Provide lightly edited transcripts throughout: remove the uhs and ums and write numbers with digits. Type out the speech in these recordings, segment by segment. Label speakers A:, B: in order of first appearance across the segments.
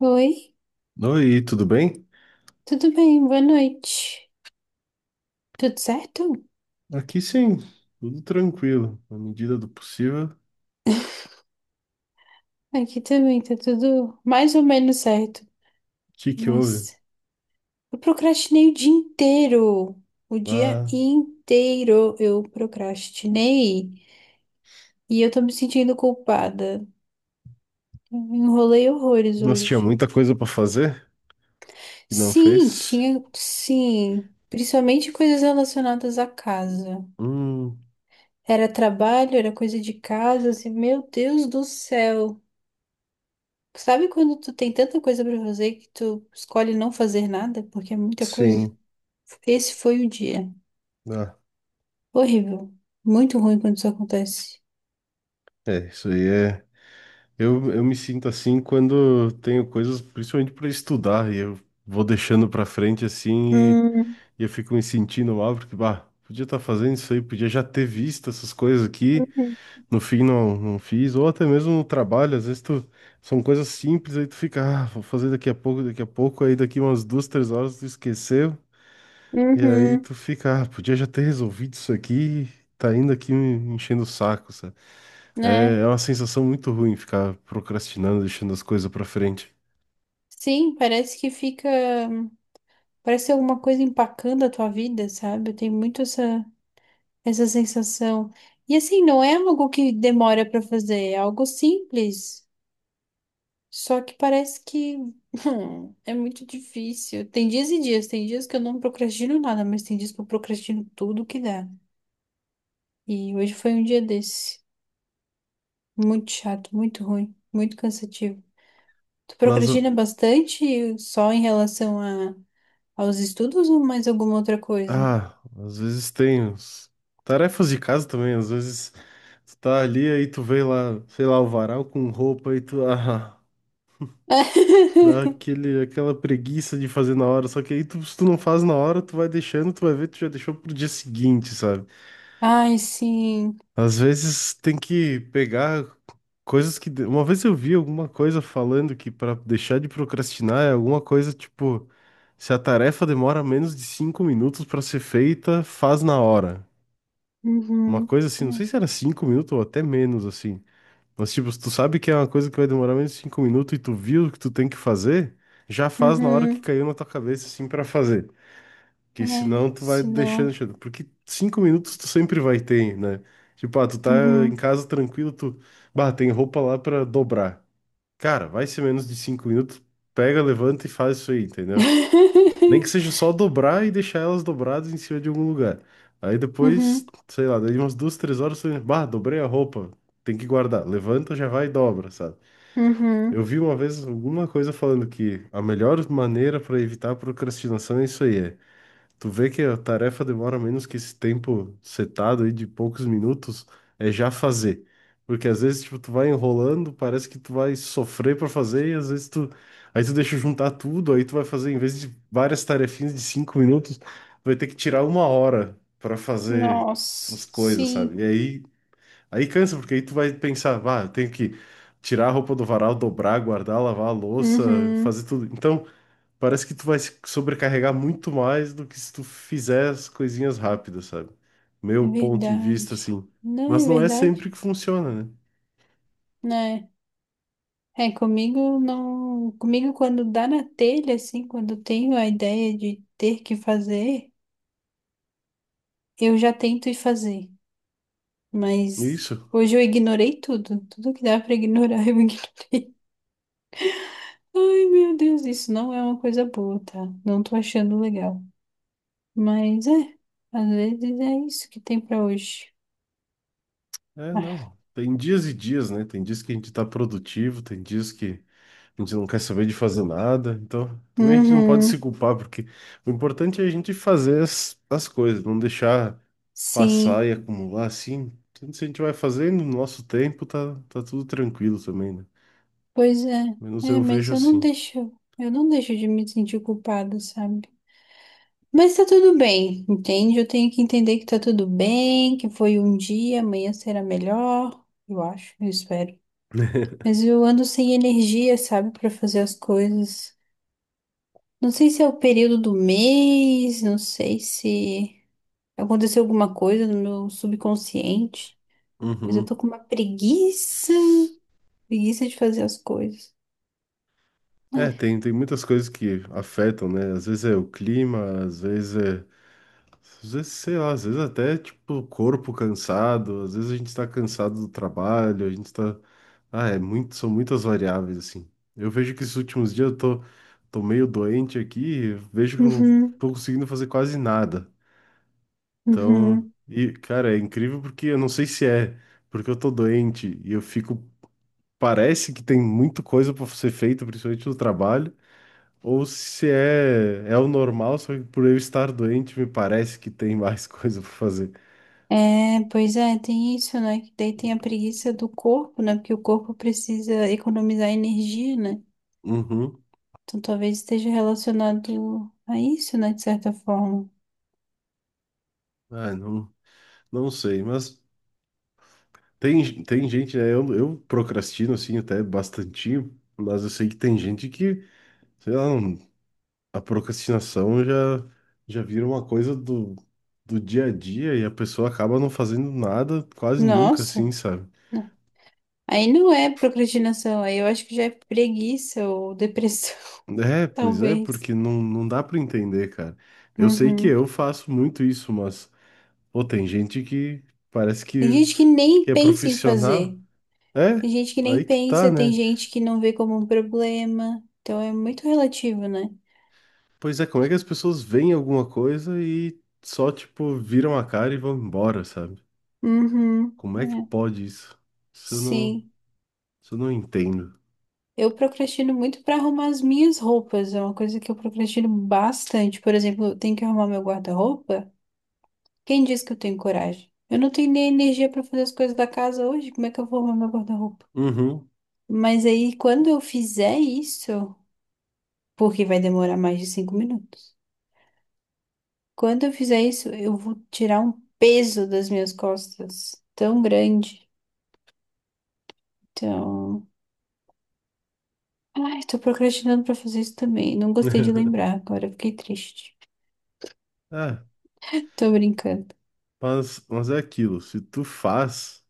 A: Oi,
B: Oi, tudo bem?
A: tudo bem? Boa noite. Tudo certo?
B: Aqui sim, tudo tranquilo, na medida do possível. O
A: Aqui também tá tudo mais ou menos certo,
B: que que houve?
A: mas eu procrastinei o dia inteiro. O dia
B: Ah,
A: inteiro eu procrastinei e eu tô me sentindo culpada. Eu Enrolei horrores
B: nós
A: hoje.
B: tinha muita coisa para fazer e não
A: Sim,
B: fez?
A: tinha, sim, principalmente coisas relacionadas à casa.
B: Hum,
A: Era trabalho, era coisa de casa, assim, meu Deus do céu. Sabe quando tu tem tanta coisa pra fazer que tu escolhe não fazer nada porque é muita coisa?
B: sim.
A: Esse foi o dia.
B: Ah,
A: Horrível. Muito ruim quando isso acontece.
B: é, isso aí é. Eu me sinto assim quando tenho coisas, principalmente para estudar, e eu vou deixando para frente assim e,
A: Hum,
B: eu fico me sentindo mal, porque, bah, podia estar fazendo isso aí, podia já ter visto essas coisas aqui.
A: uhum,
B: No fim não, não fiz, ou até mesmo no trabalho, às vezes tu, são coisas simples, aí tu fica, ah, vou fazer daqui a pouco, aí daqui umas 2, 3 horas tu esqueceu, e aí
A: uhum,
B: tu fica, ah, podia já ter resolvido isso aqui, tá ainda aqui me enchendo o saco, sabe? É,
A: né?
B: é uma sensação muito ruim ficar procrastinando, deixando as coisas pra frente.
A: Sim, parece que fica. Parece alguma coisa empacando a tua vida, sabe? Eu tenho muito essa sensação. E assim, não é algo que demora pra fazer, é algo simples. Só que parece que é muito difícil. Tem dias e dias, tem dias que eu não procrastino nada, mas tem dias que eu procrastino tudo que dá. E hoje foi um dia desse. Muito chato, muito ruim, muito cansativo. Tu
B: Mas,
A: procrastina bastante só em relação aos estudos ou mais alguma outra coisa?
B: ah, às vezes tem tarefas de casa também, às vezes tu tá ali, aí tu vê lá, sei lá, o varal com roupa, e tu, ah. Dá aquele, aquela preguiça de fazer na hora, só que aí tu, se tu não faz na hora, tu vai deixando, tu vai ver, tu já deixou pro dia seguinte, sabe?
A: Ai, sim.
B: Às vezes tem que pegar coisas que. Uma vez eu vi alguma coisa falando que pra deixar de procrastinar é alguma coisa tipo: se a tarefa demora menos de 5 minutos pra ser feita, faz na hora. Uma
A: Uhum.
B: coisa assim, não sei se era 5 minutos ou até menos, assim. Mas, tipo, se tu sabe que é uma coisa que vai demorar menos de 5 minutos e tu viu o que tu tem que fazer, já faz na hora que
A: Uhum.
B: caiu na tua cabeça, assim, pra fazer. Porque
A: É,
B: senão tu vai
A: se
B: deixando,
A: não.
B: deixando. Porque 5 minutos tu sempre vai ter, né? Tipo, ah, tu tá em
A: Uhum.
B: casa tranquilo, tu... Bah, tem roupa lá pra dobrar. Cara, vai ser menos de 5 minutos, pega, levanta e faz isso aí, entendeu? Nem que seja só dobrar e deixar elas dobradas em cima de algum lugar. Aí
A: Uhum.
B: depois, sei lá, daí umas 2, 3 horas, tu... Bah, dobrei a roupa, tem que guardar. Levanta, já vai e dobra, sabe? Eu
A: Uhum.
B: vi uma vez alguma coisa falando que a melhor maneira para evitar a procrastinação é isso aí, é. Tu vê que a tarefa demora menos que esse tempo setado aí de poucos minutos, é já fazer. Porque às vezes, tipo, tu vai enrolando, parece que tu vai sofrer para fazer, e às vezes tu. Aí tu deixa juntar tudo, aí tu vai fazer, em vez de várias tarefinhas de 5 minutos, vai ter que tirar 1 hora para fazer as
A: Nossa,
B: coisas,
A: sim.
B: sabe? E aí aí cansa, porque aí tu vai pensar, ah, eu tenho que tirar a roupa do varal, dobrar, guardar, lavar a louça,
A: Uhum.
B: fazer tudo. Então, parece que tu vai se sobrecarregar muito mais do que se tu fizer as coisinhas rápidas, sabe?
A: É
B: Meu ponto de vista,
A: verdade.
B: assim.
A: Não
B: Mas
A: é
B: não é sempre que
A: verdade,
B: funciona, né?
A: né? É, comigo não. Comigo, quando dá na telha, assim, quando eu tenho a ideia de ter que fazer, eu já tento ir fazer. Mas
B: Isso.
A: hoje eu ignorei tudo. Tudo que dá pra ignorar, eu ignoro. Ai, meu Deus, isso não é uma coisa boa, tá? Não tô achando legal. Mas é, às vezes é isso que tem pra hoje.
B: É,
A: Ah.
B: não. Tem dias e dias, né? Tem dias que a gente tá produtivo, tem dias que a gente não quer saber de fazer nada. Então, também a gente não pode se
A: Uhum.
B: culpar, porque o importante é a gente fazer as coisas, não deixar passar
A: Sim.
B: e acumular assim, tudo isso a gente vai fazendo no nosso tempo, tá, tá tudo tranquilo também, né?
A: Pois é,
B: Menos
A: é,
B: eu
A: mas
B: vejo assim.
A: eu não deixo de me sentir culpada, sabe? Mas tá tudo bem, entende? Eu tenho que entender que tá tudo bem, que foi um dia, amanhã será melhor, eu acho, eu espero. Mas eu ando sem energia, sabe, pra fazer as coisas. Não sei se é o período do mês, não sei se aconteceu alguma coisa no meu subconsciente, mas eu tô
B: Uhum.
A: com uma preguiça, preguiça de fazer as coisas,
B: É,
A: né?
B: tem muitas coisas que afetam, né? Às vezes é o clima, às vezes é. Às vezes, sei lá, às vezes até tipo o corpo cansado, às vezes a gente tá cansado do trabalho, a gente tá. Ah, é muito, são muitas variáveis, assim. Eu vejo que esses últimos dias eu tô, meio doente aqui, vejo que eu não
A: Uhum,
B: tô conseguindo fazer quase nada. Então,
A: uhum.
B: e cara, é incrível porque eu não sei se é porque eu tô doente e eu fico, parece que tem muita coisa pra ser feita, principalmente no trabalho, ou se é o normal, só que por eu estar doente me parece que tem mais coisa pra fazer.
A: É, pois é, tem isso, né? Que daí tem a preguiça do corpo, né? Porque o corpo precisa economizar energia, né?
B: Uhum.
A: Então talvez esteja relacionado a isso, né? De certa forma.
B: Ah, não, não sei, mas tem gente, né? Eu procrastino assim até bastantinho, mas eu sei que tem gente que, sei lá, não, a procrastinação já vira uma coisa do dia a dia e a pessoa acaba não fazendo nada quase nunca,
A: Nossa,
B: assim, sabe?
A: né? Aí não é procrastinação, aí eu acho que já é preguiça ou depressão,
B: É, pois é,
A: talvez.
B: porque não, não dá pra entender, cara. Eu sei que
A: Uhum.
B: eu faço muito isso, mas, pô, tem gente que parece
A: Tem gente que
B: que
A: nem
B: é
A: pensa em
B: profissional.
A: fazer,
B: É,
A: tem gente que
B: aí
A: nem
B: que tá,
A: pensa, tem
B: né?
A: gente que não vê como um problema, então é muito relativo, né?
B: Pois é, como é que as pessoas veem alguma coisa e só, tipo, viram a cara e vão embora, sabe?
A: Uhum.
B: Como é que
A: É.
B: pode isso? Isso eu não,
A: Sim.
B: isso eu não entendo.
A: Eu procrastino muito para arrumar as minhas roupas, é uma coisa que eu procrastino bastante. Por exemplo, eu tenho que arrumar meu guarda-roupa? Quem diz que eu tenho coragem? Eu não tenho nem energia para fazer as coisas da casa hoje, como é que eu vou arrumar meu guarda-roupa?
B: Uhum.
A: Mas aí, quando eu fizer isso, porque vai demorar mais de 5 minutos, quando eu fizer isso, eu vou tirar um peso das minhas costas tão grande. Então, ai, tô procrastinando para fazer isso também. Não gostei de lembrar agora, fiquei triste.
B: É,
A: Tô brincando.
B: mas é aquilo, se tu faz,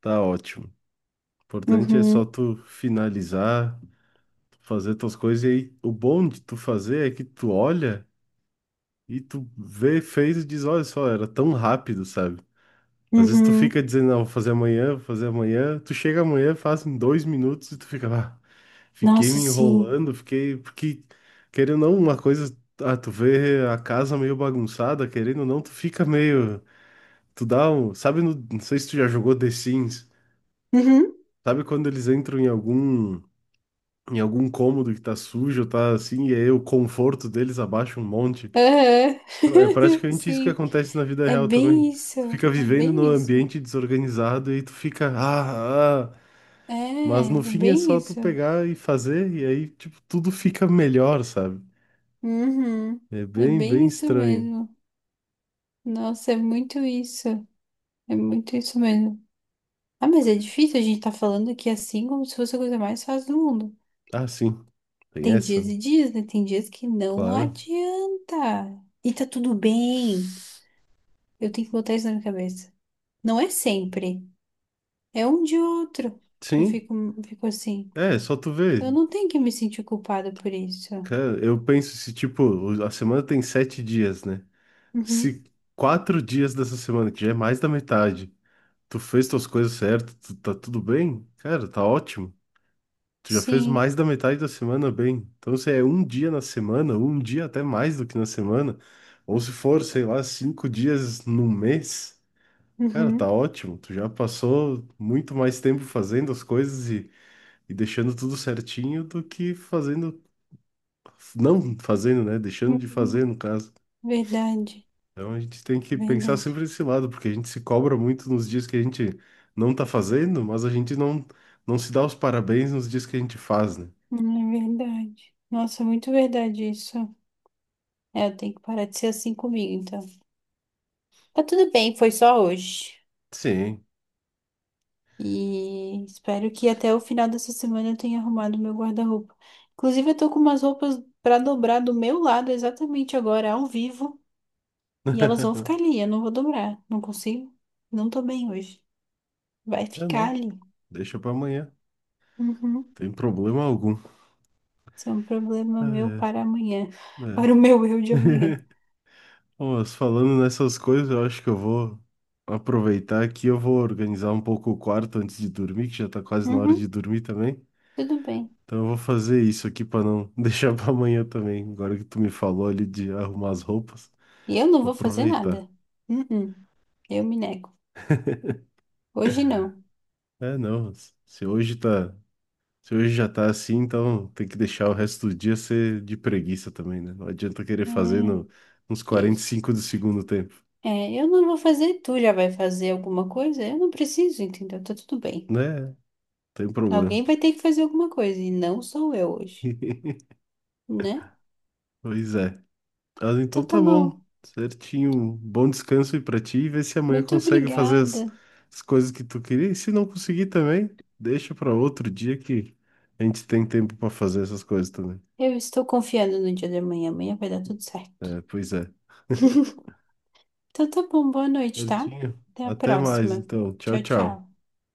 B: tá ótimo. O importante é só
A: Uhum.
B: tu finalizar, tu fazer tuas coisas e aí o bom de tu fazer é que tu olha e tu vê, fez e diz, olha só, era tão rápido, sabe? Às vezes tu
A: Uhum.
B: fica dizendo, não, vou fazer amanhã, tu chega amanhã, faz em 2 minutos e tu fica, ah, fiquei
A: Nossa,
B: me
A: sim.
B: enrolando, fiquei, porque, querendo ou não, uma coisa, ah, tu vê a casa meio bagunçada, querendo ou não, tu fica meio... Tu dá um. Sabe, não sei se tu já jogou The Sims.
A: Uhum.
B: Sabe quando eles entram em algum. Em algum cômodo que tá sujo, tá assim, e aí o conforto deles abaixa um monte.
A: Aham.
B: Então, é praticamente isso que
A: Sim.
B: acontece na vida
A: É
B: real também.
A: bem isso.
B: Tu fica
A: É
B: vivendo num
A: bem isso.
B: ambiente desorganizado e aí tu fica, ah, ah. Mas no
A: É, é
B: fim é
A: bem
B: só tu
A: isso.
B: pegar e fazer, e aí, tipo, tudo fica melhor, sabe?
A: Uhum.
B: É
A: É
B: bem,
A: bem
B: bem
A: isso
B: estranho.
A: mesmo. Nossa, é muito isso. É muito isso mesmo. Ah, mas é difícil a gente tá falando aqui assim como se fosse a coisa mais fácil do mundo.
B: Ah, sim, tem
A: Tem
B: essa,
A: dias
B: né?
A: e dias, né? Tem dias que não
B: Claro.
A: adianta. E tá tudo bem. Eu tenho que botar isso na minha cabeça. Não é sempre. É um de outro que eu
B: Sim,
A: fico, fico assim.
B: é, só tu
A: Então
B: ver.
A: eu não tenho que me sentir culpada por isso.
B: Cara, eu penso se, tipo, a semana tem 7 dias, né?
A: Uhum.
B: Se 4 dias dessa semana, que já é mais da metade, tu fez tuas coisas certas, tu, tá tudo bem? Cara, tá ótimo. Tu já fez
A: Sim.
B: mais da metade da semana bem. Então, se é um dia na semana, um dia até mais do que na semana, ou se for, sei lá, 5 dias no mês, cara, tá
A: Uhum.
B: ótimo. Tu já passou muito mais tempo fazendo as coisas e deixando tudo certinho do que fazendo, não fazendo, né? Deixando de fazer,
A: Uhum.
B: no caso.
A: Verdade.
B: Então a gente tem que pensar
A: Verdade.
B: sempre nesse lado, porque a gente se cobra muito nos dias que a gente não tá fazendo, mas a gente não, não se dá os parabéns nos dias que a gente faz, né?
A: É verdade. Nossa, muito verdade isso. É, eu tenho que parar de ser assim comigo, então. Tá tudo bem, foi só hoje.
B: Sim.
A: E espero que até o final dessa semana eu tenha arrumado meu guarda-roupa. Inclusive, eu tô com umas roupas pra dobrar do meu lado exatamente agora, ao vivo. E elas vão ficar ali, eu não vou dobrar. Não consigo. Não tô bem hoje. Vai
B: É,
A: ficar
B: não.
A: ali.
B: Deixa pra amanhã.
A: Uhum.
B: Tem problema algum.
A: Isso é um problema meu para
B: É,
A: amanhã.
B: é.
A: Para o meu eu de amanhã.
B: Bom, mas falando nessas coisas, eu acho que eu vou aproveitar aqui, eu vou organizar um pouco o quarto antes de dormir, que já tá quase na hora de
A: Uhum.
B: dormir também.
A: Tudo bem.
B: Então eu vou fazer isso aqui pra não deixar pra amanhã também. Agora que tu me falou ali de arrumar as roupas,
A: E eu não
B: vou
A: vou fazer
B: aproveitar.
A: nada. Uhum. Eu me nego. Hoje não.
B: É, não. Se hoje tá, se hoje já tá assim, então tem que deixar o resto do dia ser de preguiça também, né? Não adianta querer fazer
A: É,
B: no, nos quarenta e
A: isso.
B: cinco do segundo tempo,
A: É, eu não vou fazer, tu já vai fazer alguma coisa? Eu não preciso, entendeu? Tá tudo bem.
B: né? Tem problema.
A: Alguém vai ter que fazer alguma coisa, e não sou eu hoje, né?
B: Pois é. Mas então
A: Então tá
B: tá
A: bom.
B: bom. Certinho. Bom descanso aí pra ti e vê se amanhã
A: Muito
B: consegue fazer as,
A: obrigada.
B: as coisas que tu queria. E se não conseguir também, deixa pra outro dia que a gente tem tempo pra fazer essas coisas também.
A: Eu estou confiando no dia de amanhã. Amanhã vai dar tudo certo.
B: É, pois é.
A: Então tá bom, boa noite, tá?
B: Certinho.
A: Até a
B: Até mais,
A: próxima.
B: então. Tchau,
A: Tchau,
B: tchau.
A: tchau.